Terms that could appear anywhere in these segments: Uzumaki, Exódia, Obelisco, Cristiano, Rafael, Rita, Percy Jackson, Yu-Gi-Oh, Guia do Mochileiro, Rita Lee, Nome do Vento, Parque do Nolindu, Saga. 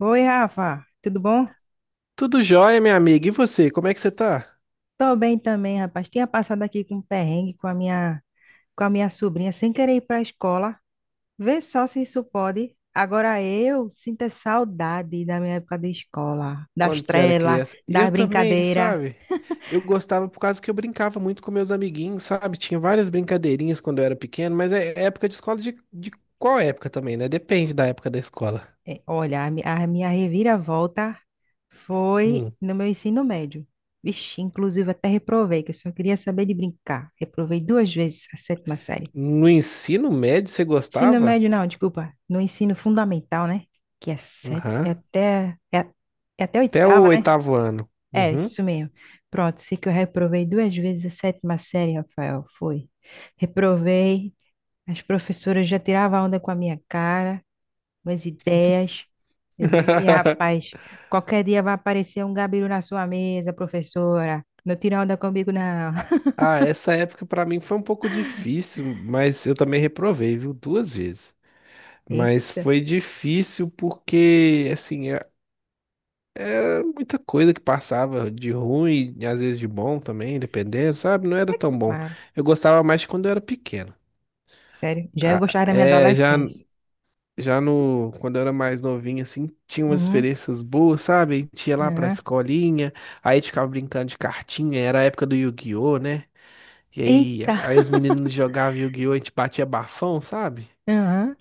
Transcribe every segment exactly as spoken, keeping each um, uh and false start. Oi, Rafa, tudo bom? Tudo jóia, minha amiga. E você, como é que você tá? Tô bem também, rapaz. Tinha passado aqui com um perrengue com a minha, com a minha sobrinha, sem querer ir para a escola. Vê só se isso pode. Agora eu sinto a saudade da minha época de escola, das Quando você era trelas, criança? Eu das também, brincadeiras. sabe? Eu gostava por causa que eu brincava muito com meus amiguinhos, sabe? Tinha várias brincadeirinhas quando eu era pequeno, mas é é época de escola de, de qual época também, né? Depende da época da escola. É, olha, a, mi- a minha reviravolta foi Hum. no meu ensino médio. Vixe, inclusive até reprovei, que eu só queria saber de brincar. Reprovei duas vezes a sétima série. No ensino médio, você Ensino gostava? médio, não, desculpa. No ensino fundamental, né? Que é sete, Aham. é até, é, a- é até a Até o oitava, né? oitavo ano. É, Uhum. isso mesmo. Pronto, sei que eu reprovei duas vezes a sétima série, Rafael, foi. Reprovei, as professoras já tiravam onda com a minha cara, umas ideias. Eu digo, "Ih, rapaz, qualquer dia vai aparecer um gabiru na sua mesa, professora. Não tira onda comigo, não." Ah, essa época pra mim foi um pouco difícil, mas eu também reprovei, viu? Duas vezes. Mas Eita, foi difícil porque, assim, é- era muita coisa que passava de ruim, e às vezes de bom também, dependendo, sabe? Não era é tão bom. claro, Eu gostava mais de quando eu era pequeno. sério. Já eu Ah, gostava da minha é. Já, adolescência. já no, quando eu era mais novinho, assim, tinha umas Uhum. experiências boas, sabe? A gente ia lá pra Aham. escolinha, aí a gente ficava brincando de cartinha, era a época do Yu-Gi-Oh, né? E aí, Eita. aí os meninos jogavam Yu-Gi-Oh, a gente batia bafão, sabe? Aham.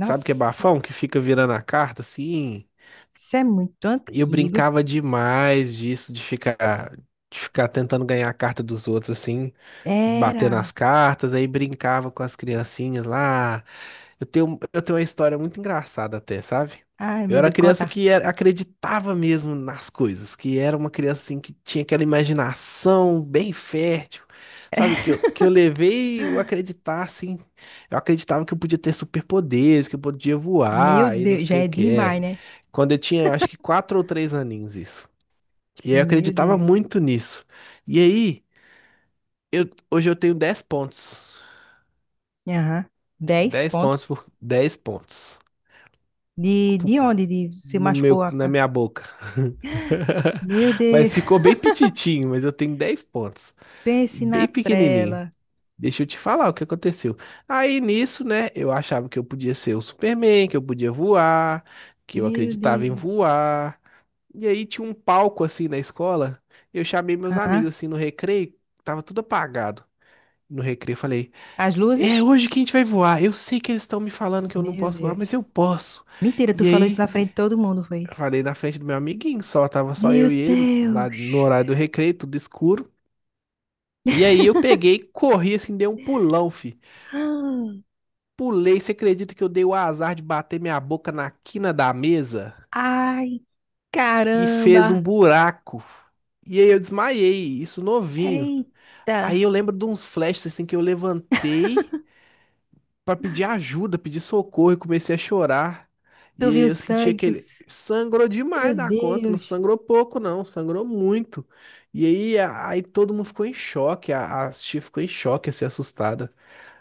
Sabe o que é bafão? Que fica virando a carta, assim. isso é muito E eu antigo. brincava demais disso, de ficar, de ficar tentando ganhar a carta dos outros, assim, bater nas Era. cartas, aí brincava com as criancinhas lá. Eu tenho, eu tenho uma história muito engraçada até, sabe? Ai, Eu meu era Deus, criança conta. que era- acreditava mesmo nas coisas, que era uma criança assim que tinha aquela imaginação bem fértil, sabe? Que eu, que eu levei o acreditar, assim. Eu acreditava que eu podia ter superpoderes, que eu podia Meu voar e não Deus, já sei o é que é. demais, né? Quando eu tinha, acho que quatro ou três aninhos, isso. E eu Meu acreditava Deus. muito nisso. E aí, eu, hoje eu tenho dez pontos. Aham. Dez Dez pontos pontos. por dez pontos. De, Pu- de onde de, se no machucou meu, a na cara? minha boca. Meu Deus, Mas ficou bem pititinho, mas eu tenho dez pontos. pense Bem na pequenininho. trela. Deixa eu te falar o que aconteceu. Aí nisso, né, eu achava que eu podia ser o Superman, que eu podia voar, que eu Meu acreditava em Deus. voar. E aí tinha um palco assim na escola. Eu chamei meus amigos Aham. assim no recreio, tava tudo apagado. No recreio eu falei: As luzes? "É hoje que a gente vai voar. Eu sei que eles estão me falando que eu não Meu posso voar, mas Deus. eu posso." Mentira, tu E falou isso aí na frente de todo mundo, eu foi? falei na frente do meu amiguinho, só tava só Meu eu e ele lá no Deus. horário do recreio, tudo escuro. E aí eu peguei, corri assim, dei um pulão, fi. Pulei, você acredita que eu dei o azar de bater minha boca na quina da mesa Ah, ai, e fez um caramba. buraco? E aí eu desmaiei, isso novinho. Aí Eita. eu lembro de uns flashes assim que eu levantei pra pedir ajuda, pedir socorro e comecei a chorar. Tu E aí viu eu senti sangue, tu. aquele sangrou Meu demais da conta, não Deus, sangrou pouco não, sangrou muito. E aí a- aí todo mundo ficou em choque, a, a tia ficou em choque, assim, assustada.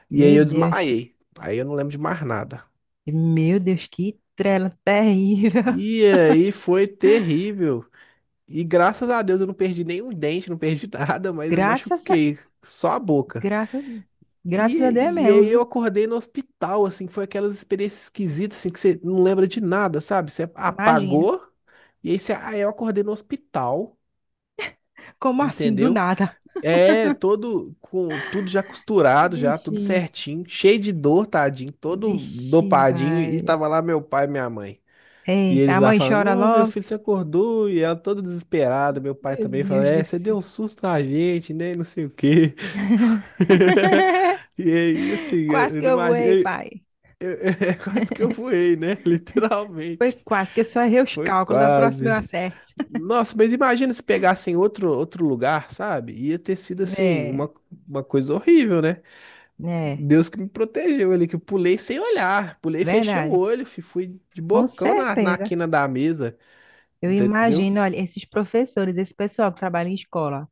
E aí meu eu Deus, desmaiei. Aí eu não lembro de mais nada. meu Deus, que trela terrível. E aí foi terrível. E graças a Deus eu não perdi nenhum dente, não perdi nada, mas eu Graças a, machuquei só a boca. graças, graças a Deus E, e mesmo, aí eu viu? acordei no hospital, assim, foi aquelas experiências esquisitas, assim, que você não lembra de nada, sabe? Você Imagina. apagou, e aí você, ah, eu acordei no hospital, Como assim, do entendeu? nada? É, todo, com tudo já costurado, já, tudo Bichinho, certinho, cheio de dor, tadinho, todo vixe, dopadinho, e Maria. tava lá meu pai e minha mãe. E Eita, eles a lá mãe falando, chora ô meu logo. filho, você acordou? E ela toda desesperada, meu pai Meu também falando, Deus é, do você céu. deu um susto na gente, né? E não sei o quê. E aí, assim, eu, Quase eu que não eu voei, imaginei. pai. É quase que eu voei, né? Foi Literalmente. quase que eu só errei os Foi cálculos. Na próxima eu quase. acerto. Nossa, mas imagina se pegassem outro, outro lugar, sabe? Ia ter sido, assim, É, uma, uma coisa horrível, né? é, Deus que me protegeu ali, que eu pulei sem olhar. é Pulei, fechei o verdade. olho, fi, fui de Com bocão na, na certeza. quina da mesa, Eu entendeu? imagino, olha, esses professores, esse pessoal que trabalha em escola,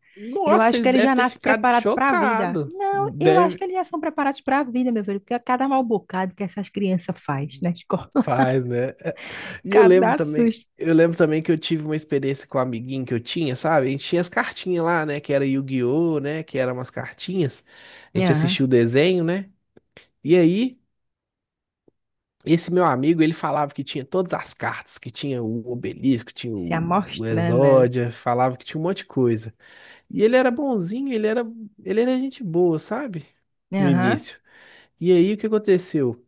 eu Nossa, acho que eles eles já devem ter nascem ficado preparados para a vida. chocados. Não, eu acho Deve. que eles já são preparados para a vida, meu filho, porque a cada mal bocado que essas crianças faz na escola, Faz, né? E eu lembro cada também, susto. eu lembro também que eu tive uma experiência com um amiguinho que eu tinha, sabe? A gente tinha as cartinhas lá, né? Que era Yu-Gi-Oh, né? Que eram umas cartinhas. A gente Aham, assistia o desenho, né? E aí, esse meu amigo, ele falava que tinha todas as cartas, que tinha o Obelisco, tinha se o o amostrando, né? Exódia, falava que tinha um monte de coisa. E ele era bonzinho, ele era, ele era gente boa, sabe? No Aham, início. E aí, o que aconteceu?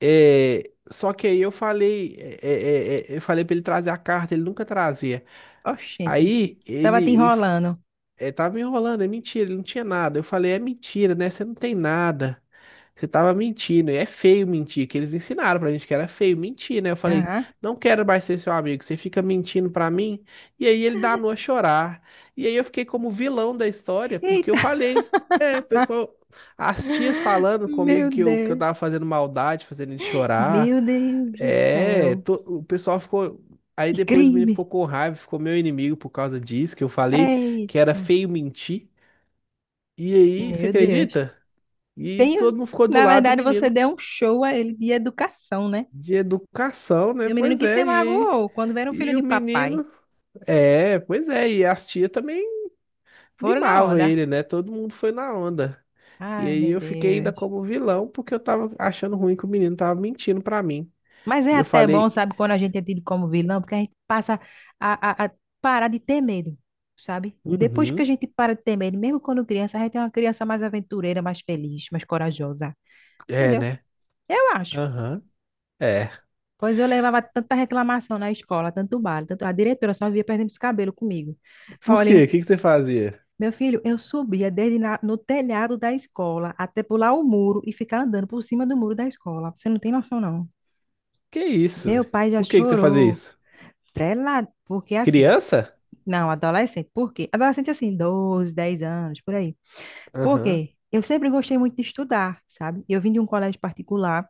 É, só que aí eu falei, é, é, é, é, eu falei pra ele trazer a carta, ele nunca trazia. oxente, Aí tava te ele, ele enrolando. é, tava me enrolando, é mentira, ele não tinha nada. Eu falei, é mentira, né? Você não tem nada. Você tava mentindo, e é feio mentir, que eles ensinaram pra gente que era feio mentir, né? Eu falei, Aham, não quero mais ser seu amigo, você fica mentindo pra mim. E aí ele danou a chorar. E aí eu fiquei como vilão da história, porque eu eita. falei, é, o pessoal, as tias falando comigo Meu que eu, que eu Deus, tava fazendo maldade, fazendo ele chorar. meu Deus do É, céu, to- o pessoal ficou. Aí que depois o menino ficou crime. com raiva, ficou meu inimigo por causa disso, que eu falei Ei, que era feio mentir. E aí, você meu Deus. acredita? E Tem, todo mundo ficou do na lado do verdade, você menino. deu um show a ele de educação, né? De educação, né? E o menino Pois que se é, e, magoou quando vieram um filho e o de papai. menino. É, pois é, e as tia também Foram na mimava onda. ele, né? Todo mundo foi na onda. E Ai, aí meu eu fiquei ainda Deus. como vilão, porque eu tava achando ruim que o menino tava mentindo pra mim. Mas é E eu até bom, falei, sabe, quando a gente é tido como vilão, porque a gente passa a, a, a parar de ter medo, sabe? Depois que a uhum, gente para de ter medo, mesmo quando criança, a gente é uma criança mais aventureira, mais feliz, mais corajosa. é, Entendeu? né? Eu acho. Aham, é. Pois eu levava tanta reclamação na escola, tanto bala, tanto, a diretora só via perdendo os cabelos comigo. Por Olhem. quê? O que que você fazia? Meu filho, eu subia dele na- no telhado da escola até pular o muro e ficar andando por cima do muro da escola. Você não tem noção, não. Que isso? Meu pai já Por que que você fazia chorou, isso? trelado, porque assim, Criança? não, adolescente, por quê? Adolescente assim, doze, dez anos, por aí. Por Aham. quê? Eu sempre gostei muito de estudar, sabe? Eu vim de um colégio particular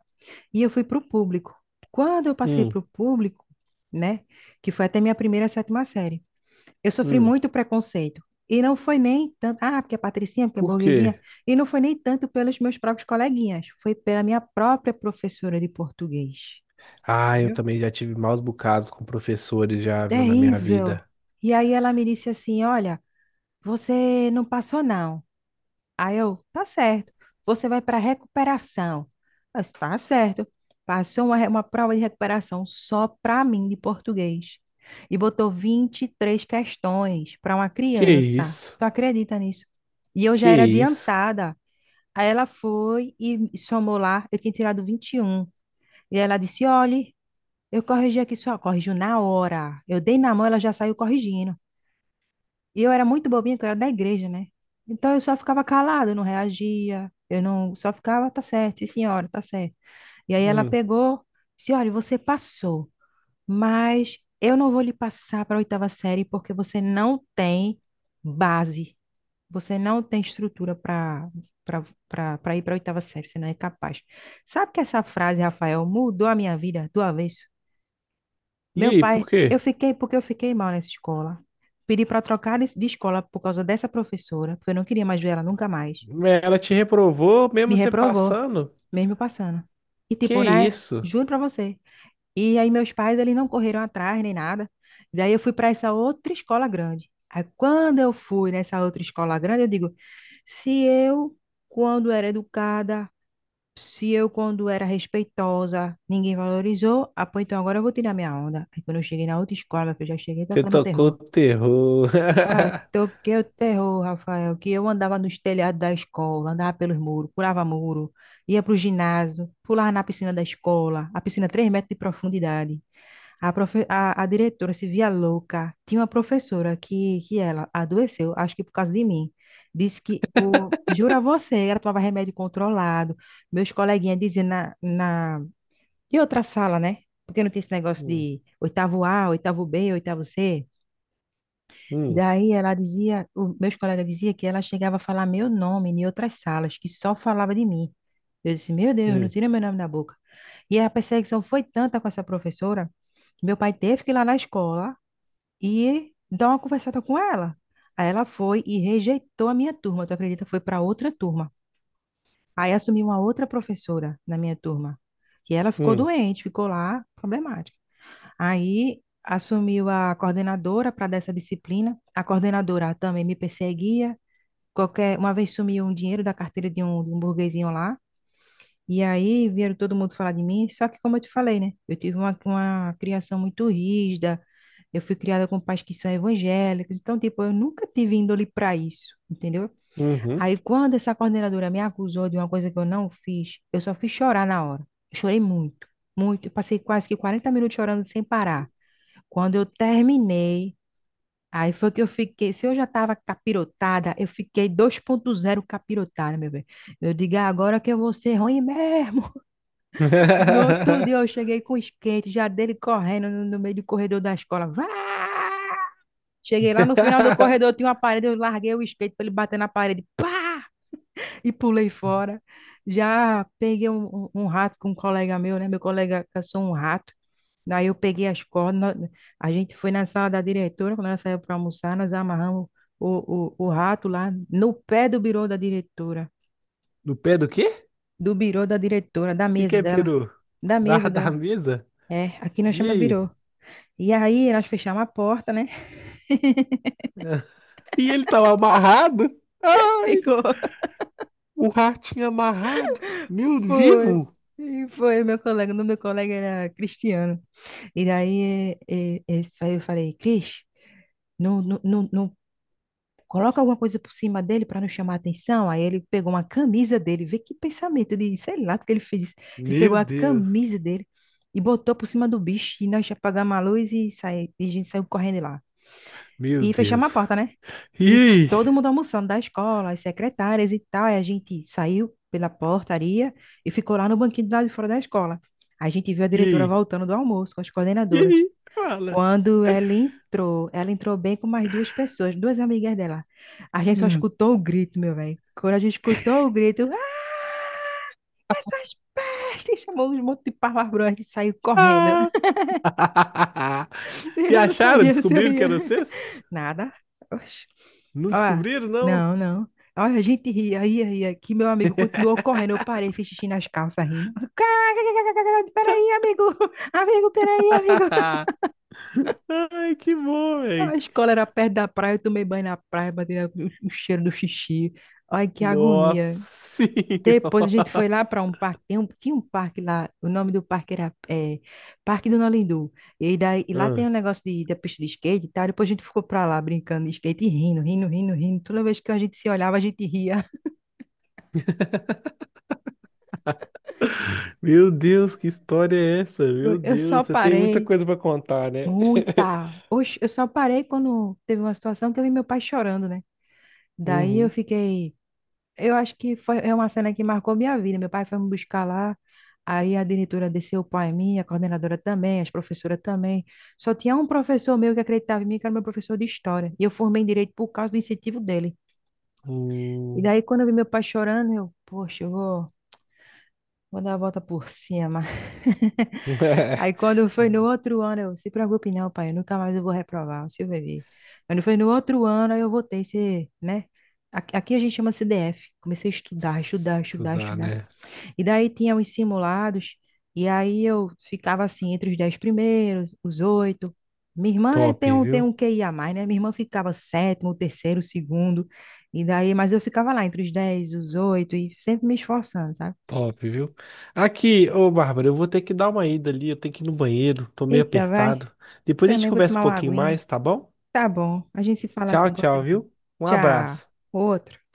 e eu fui para o público. Quando eu passei Hum, para o público, né, que foi até minha primeira sétima série, eu sofri hum. muito preconceito. E não foi nem tanto, ah, porque é patricinha, porque é Por burguesinha. quê? E não foi nem tanto pelos meus próprios coleguinhas. Foi pela minha própria professora de português. Ah, eu Entendeu? também já tive maus bocados com professores já, viu, na minha Terrível. vida. E aí ela me disse assim: olha, você não passou, não. Aí eu, tá certo. Você vai para recuperação. Eu disse, tá certo. Passou uma, re- uma prova de recuperação só para mim de português. E botou vinte e três questões para uma Que criança. isso? Tu acredita nisso? E eu Que já era isso? adiantada. Aí ela foi e somou lá. Eu tinha tirado vinte e um. E um. E ela disse: olhe, eu corrigi aqui só. Corrigiu na hora. Eu dei na mão, ela já saiu corrigindo. E eu era muito bobinha, porque eu era da igreja, né? Então eu só ficava calada, eu não reagia, eu não, só ficava, tá certo, sim, senhora, tá certo. E aí ela Hum. pegou, disse, olha, você passou, mas eu não vou lhe passar para a oitava série porque você não tem base, você não tem estrutura para para para ir para a oitava série, você não é capaz. Sabe que essa frase, Rafael, mudou a minha vida do avesso? E Meu aí, por pai, eu quê? fiquei porque eu fiquei mal nessa escola. Pedi para trocar de de escola por causa dessa professora, porque eu não queria mais ver ela nunca mais. Ela te reprovou Me mesmo você reprovou, passando? mesmo passando. E Que tipo, né? isso? Juro para você. E aí meus pais, eles não correram atrás nem nada. Daí eu fui para essa outra escola grande. Aí quando eu fui nessa outra escola grande, eu digo, se eu, quando era educada, se eu, quando era respeitosa, ninguém valorizou, ah, pô, então agora eu vou tirar minha onda. Aí quando eu cheguei na outra escola, eu já cheguei Você tocando tocou terror. terror. Ah, toquei o terror, Rafael, que eu andava nos telhados da escola, andava pelos muros, pulava muro, ia pro ginásio, pulava na piscina da escola, a piscina três metros de profundidade. A, profe- a, a diretora se via louca. Tinha uma professora que, que ela adoeceu, acho que por causa de mim. Disse que, o, jura você, ela tomava remédio controlado. Meus coleguinhas diziam na, na... E outra sala, né? Porque não tinha esse negócio Hum, de oitavo A, oitavo B, oitavo C. E hum, daí ela dizia, o, meus colegas diziam que ela chegava a falar meu nome em outras salas, que só falava de mim. Eu disse, meu Deus, não hum, tira meu nome da boca. E a perseguição foi tanta com essa professora, que meu pai teve que ir lá na escola e dar uma conversada com ela. Aí ela foi e rejeitou a minha turma, tu acredita? Foi para outra turma. Aí assumiu uma outra professora na minha turma. E ela ficou hum, doente, ficou lá, problemática. Aí assumiu a coordenadora para dessa disciplina. A coordenadora também me perseguia. Qualquer, uma vez sumiu um dinheiro da carteira de um, de um burguesinho lá. E aí vieram todo mundo falar de mim, só que como eu te falei, né? Eu tive uma, uma criação muito rígida, eu fui criada com pais que são evangélicos, então, tipo, eu nunca tive índole para isso, entendeu? uhum. Aí quando essa coordenadora me acusou de uma coisa que eu não fiz, eu só fiz chorar na hora. Eu chorei muito, muito, eu passei quase que quarenta minutos chorando sem parar. Quando eu terminei, aí foi que eu fiquei, se eu já estava capirotada, eu fiquei dois ponto zero capirotada, meu bem. Eu digo, "Ah, agora que eu vou ser ruim mesmo." No outro dia eu cheguei com o skate, já dele correndo no, no meio do corredor da escola. Vá! Cheguei lá no final do corredor, tinha uma parede, eu larguei o skate para ele bater na parede. Pá! E pulei fora. Já peguei um, um- um rato com um colega meu, né? Meu colega caçou um rato. Daí eu peguei as cordas, nó- a gente foi na sala da diretora, quando ela saiu para almoçar, nós amarramos o, o, o rato lá no pé do birô da diretora, No pé do quê? O do birô da diretora, da que que mesa é dela, peru? da Da, mesa da dela. mesa? É, aqui nós E chama birô. aí? E aí nós fechamos a porta, né? E ele tava amarrado? Ah! Ficou. O ratinho amarrado? Meu, Foi. vivo? E foi meu colega. O meu colega era Cristiano. E daí eh, eh, eh, eu falei, Cris, não, não, não, não coloca alguma coisa por cima dele para não chamar a atenção. Aí ele pegou uma camisa dele. Vê que pensamento de, sei lá, porque ele fez isso. Ele pegou Meu a Deus. camisa dele e botou por cima do bicho. E nós apagamos a luz e, saí, e a gente saiu correndo lá. Meu E fechamos a Deus. porta, né? E E todo aí? mundo almoçando da escola, as secretárias e tal. Aí a gente saiu pela portaria e ficou lá no banquinho do lado de fora da escola. A gente viu a E diretora aí? voltando do almoço com as E coordenadoras. aí? Fala. Quando ela entrou, ela entrou bem com mais duas pessoas, duas amigas dela. A gente só Hum. escutou o grito, meu velho. Quando a gente escutou o grito, ah, essas pestes! Chamou um monte de palavrões e saiu correndo. Ah. E Eu não acharam? sabia se eu Descobriram que ia. eram vocês? Nada. Oxe. Não Ó, descobriram, não? não, não. Olha, a gente ria, ria, ria. Que meu amigo continuou correndo. Eu parei, fiz xixi nas calças rindo. Peraí, amigo. Amigo, peraí, amigo. Ai, que bom, A velho. escola era perto da praia. Eu tomei banho na praia, bati o o cheiro do xixi. Ai, que agonia. Nossa Depois a gente foi senhora. lá para um parque, tem um- tinha um parque lá, o nome do parque era eh, Parque do Nolindu. E, daí, e lá tem Ah. um negócio de, da pista de skate e tal. Depois a gente ficou para lá brincando de skate e rindo, rindo, rindo, rindo. Toda vez que a gente se olhava, a gente ria. Meu Deus, que história é essa? Meu Eu eu só Deus, você tem muita parei, coisa pra contar, né? muita. Oxe, eu só parei quando teve uma situação que eu vi meu pai chorando, né? Daí eu Uhum. fiquei, eu acho que foi é uma cena que marcou minha vida. Meu pai foi me buscar lá, aí a diretora desceu o pai em mim, a coordenadora também, as professoras também. Só tinha um professor meu que acreditava em mim, que era meu professor de história. E eu formei em direito por causa do incentivo dele. E Hum. daí, quando eu vi meu pai chorando, eu, poxa, eu vou, vou dar a volta por cima. Aí, quando foi no outro ano, eu, se preocupe não, pai, eu nunca mais eu vou reprovar, o senhor vai ver. Quando foi no outro ano, aí eu voltei, ser, né? Aqui aqui a gente chama C D F. Comecei a estudar, estudar, estudar, Estudar, estudar. né? E daí tinha os simulados, e aí eu ficava assim entre os dez primeiros, os oito. Minha irmã é- Top, tem um, tem viu? um Q I a mais, né? Minha irmã ficava sétimo, terceiro, segundo, e daí, mas eu ficava lá entre os dez os oito, e sempre me esforçando, sabe? Top, viu? Aqui, ô Bárbara, eu vou ter que dar uma ida ali, eu tenho que ir no banheiro, tô meio Eita, vai, apertado. Depois a gente também vou conversa um tomar uma pouquinho aguinha. mais, tá bom? Tá bom, a gente se fala Tchau, assim com tchau, certeza. viu? Um Tchau, abraço. outro.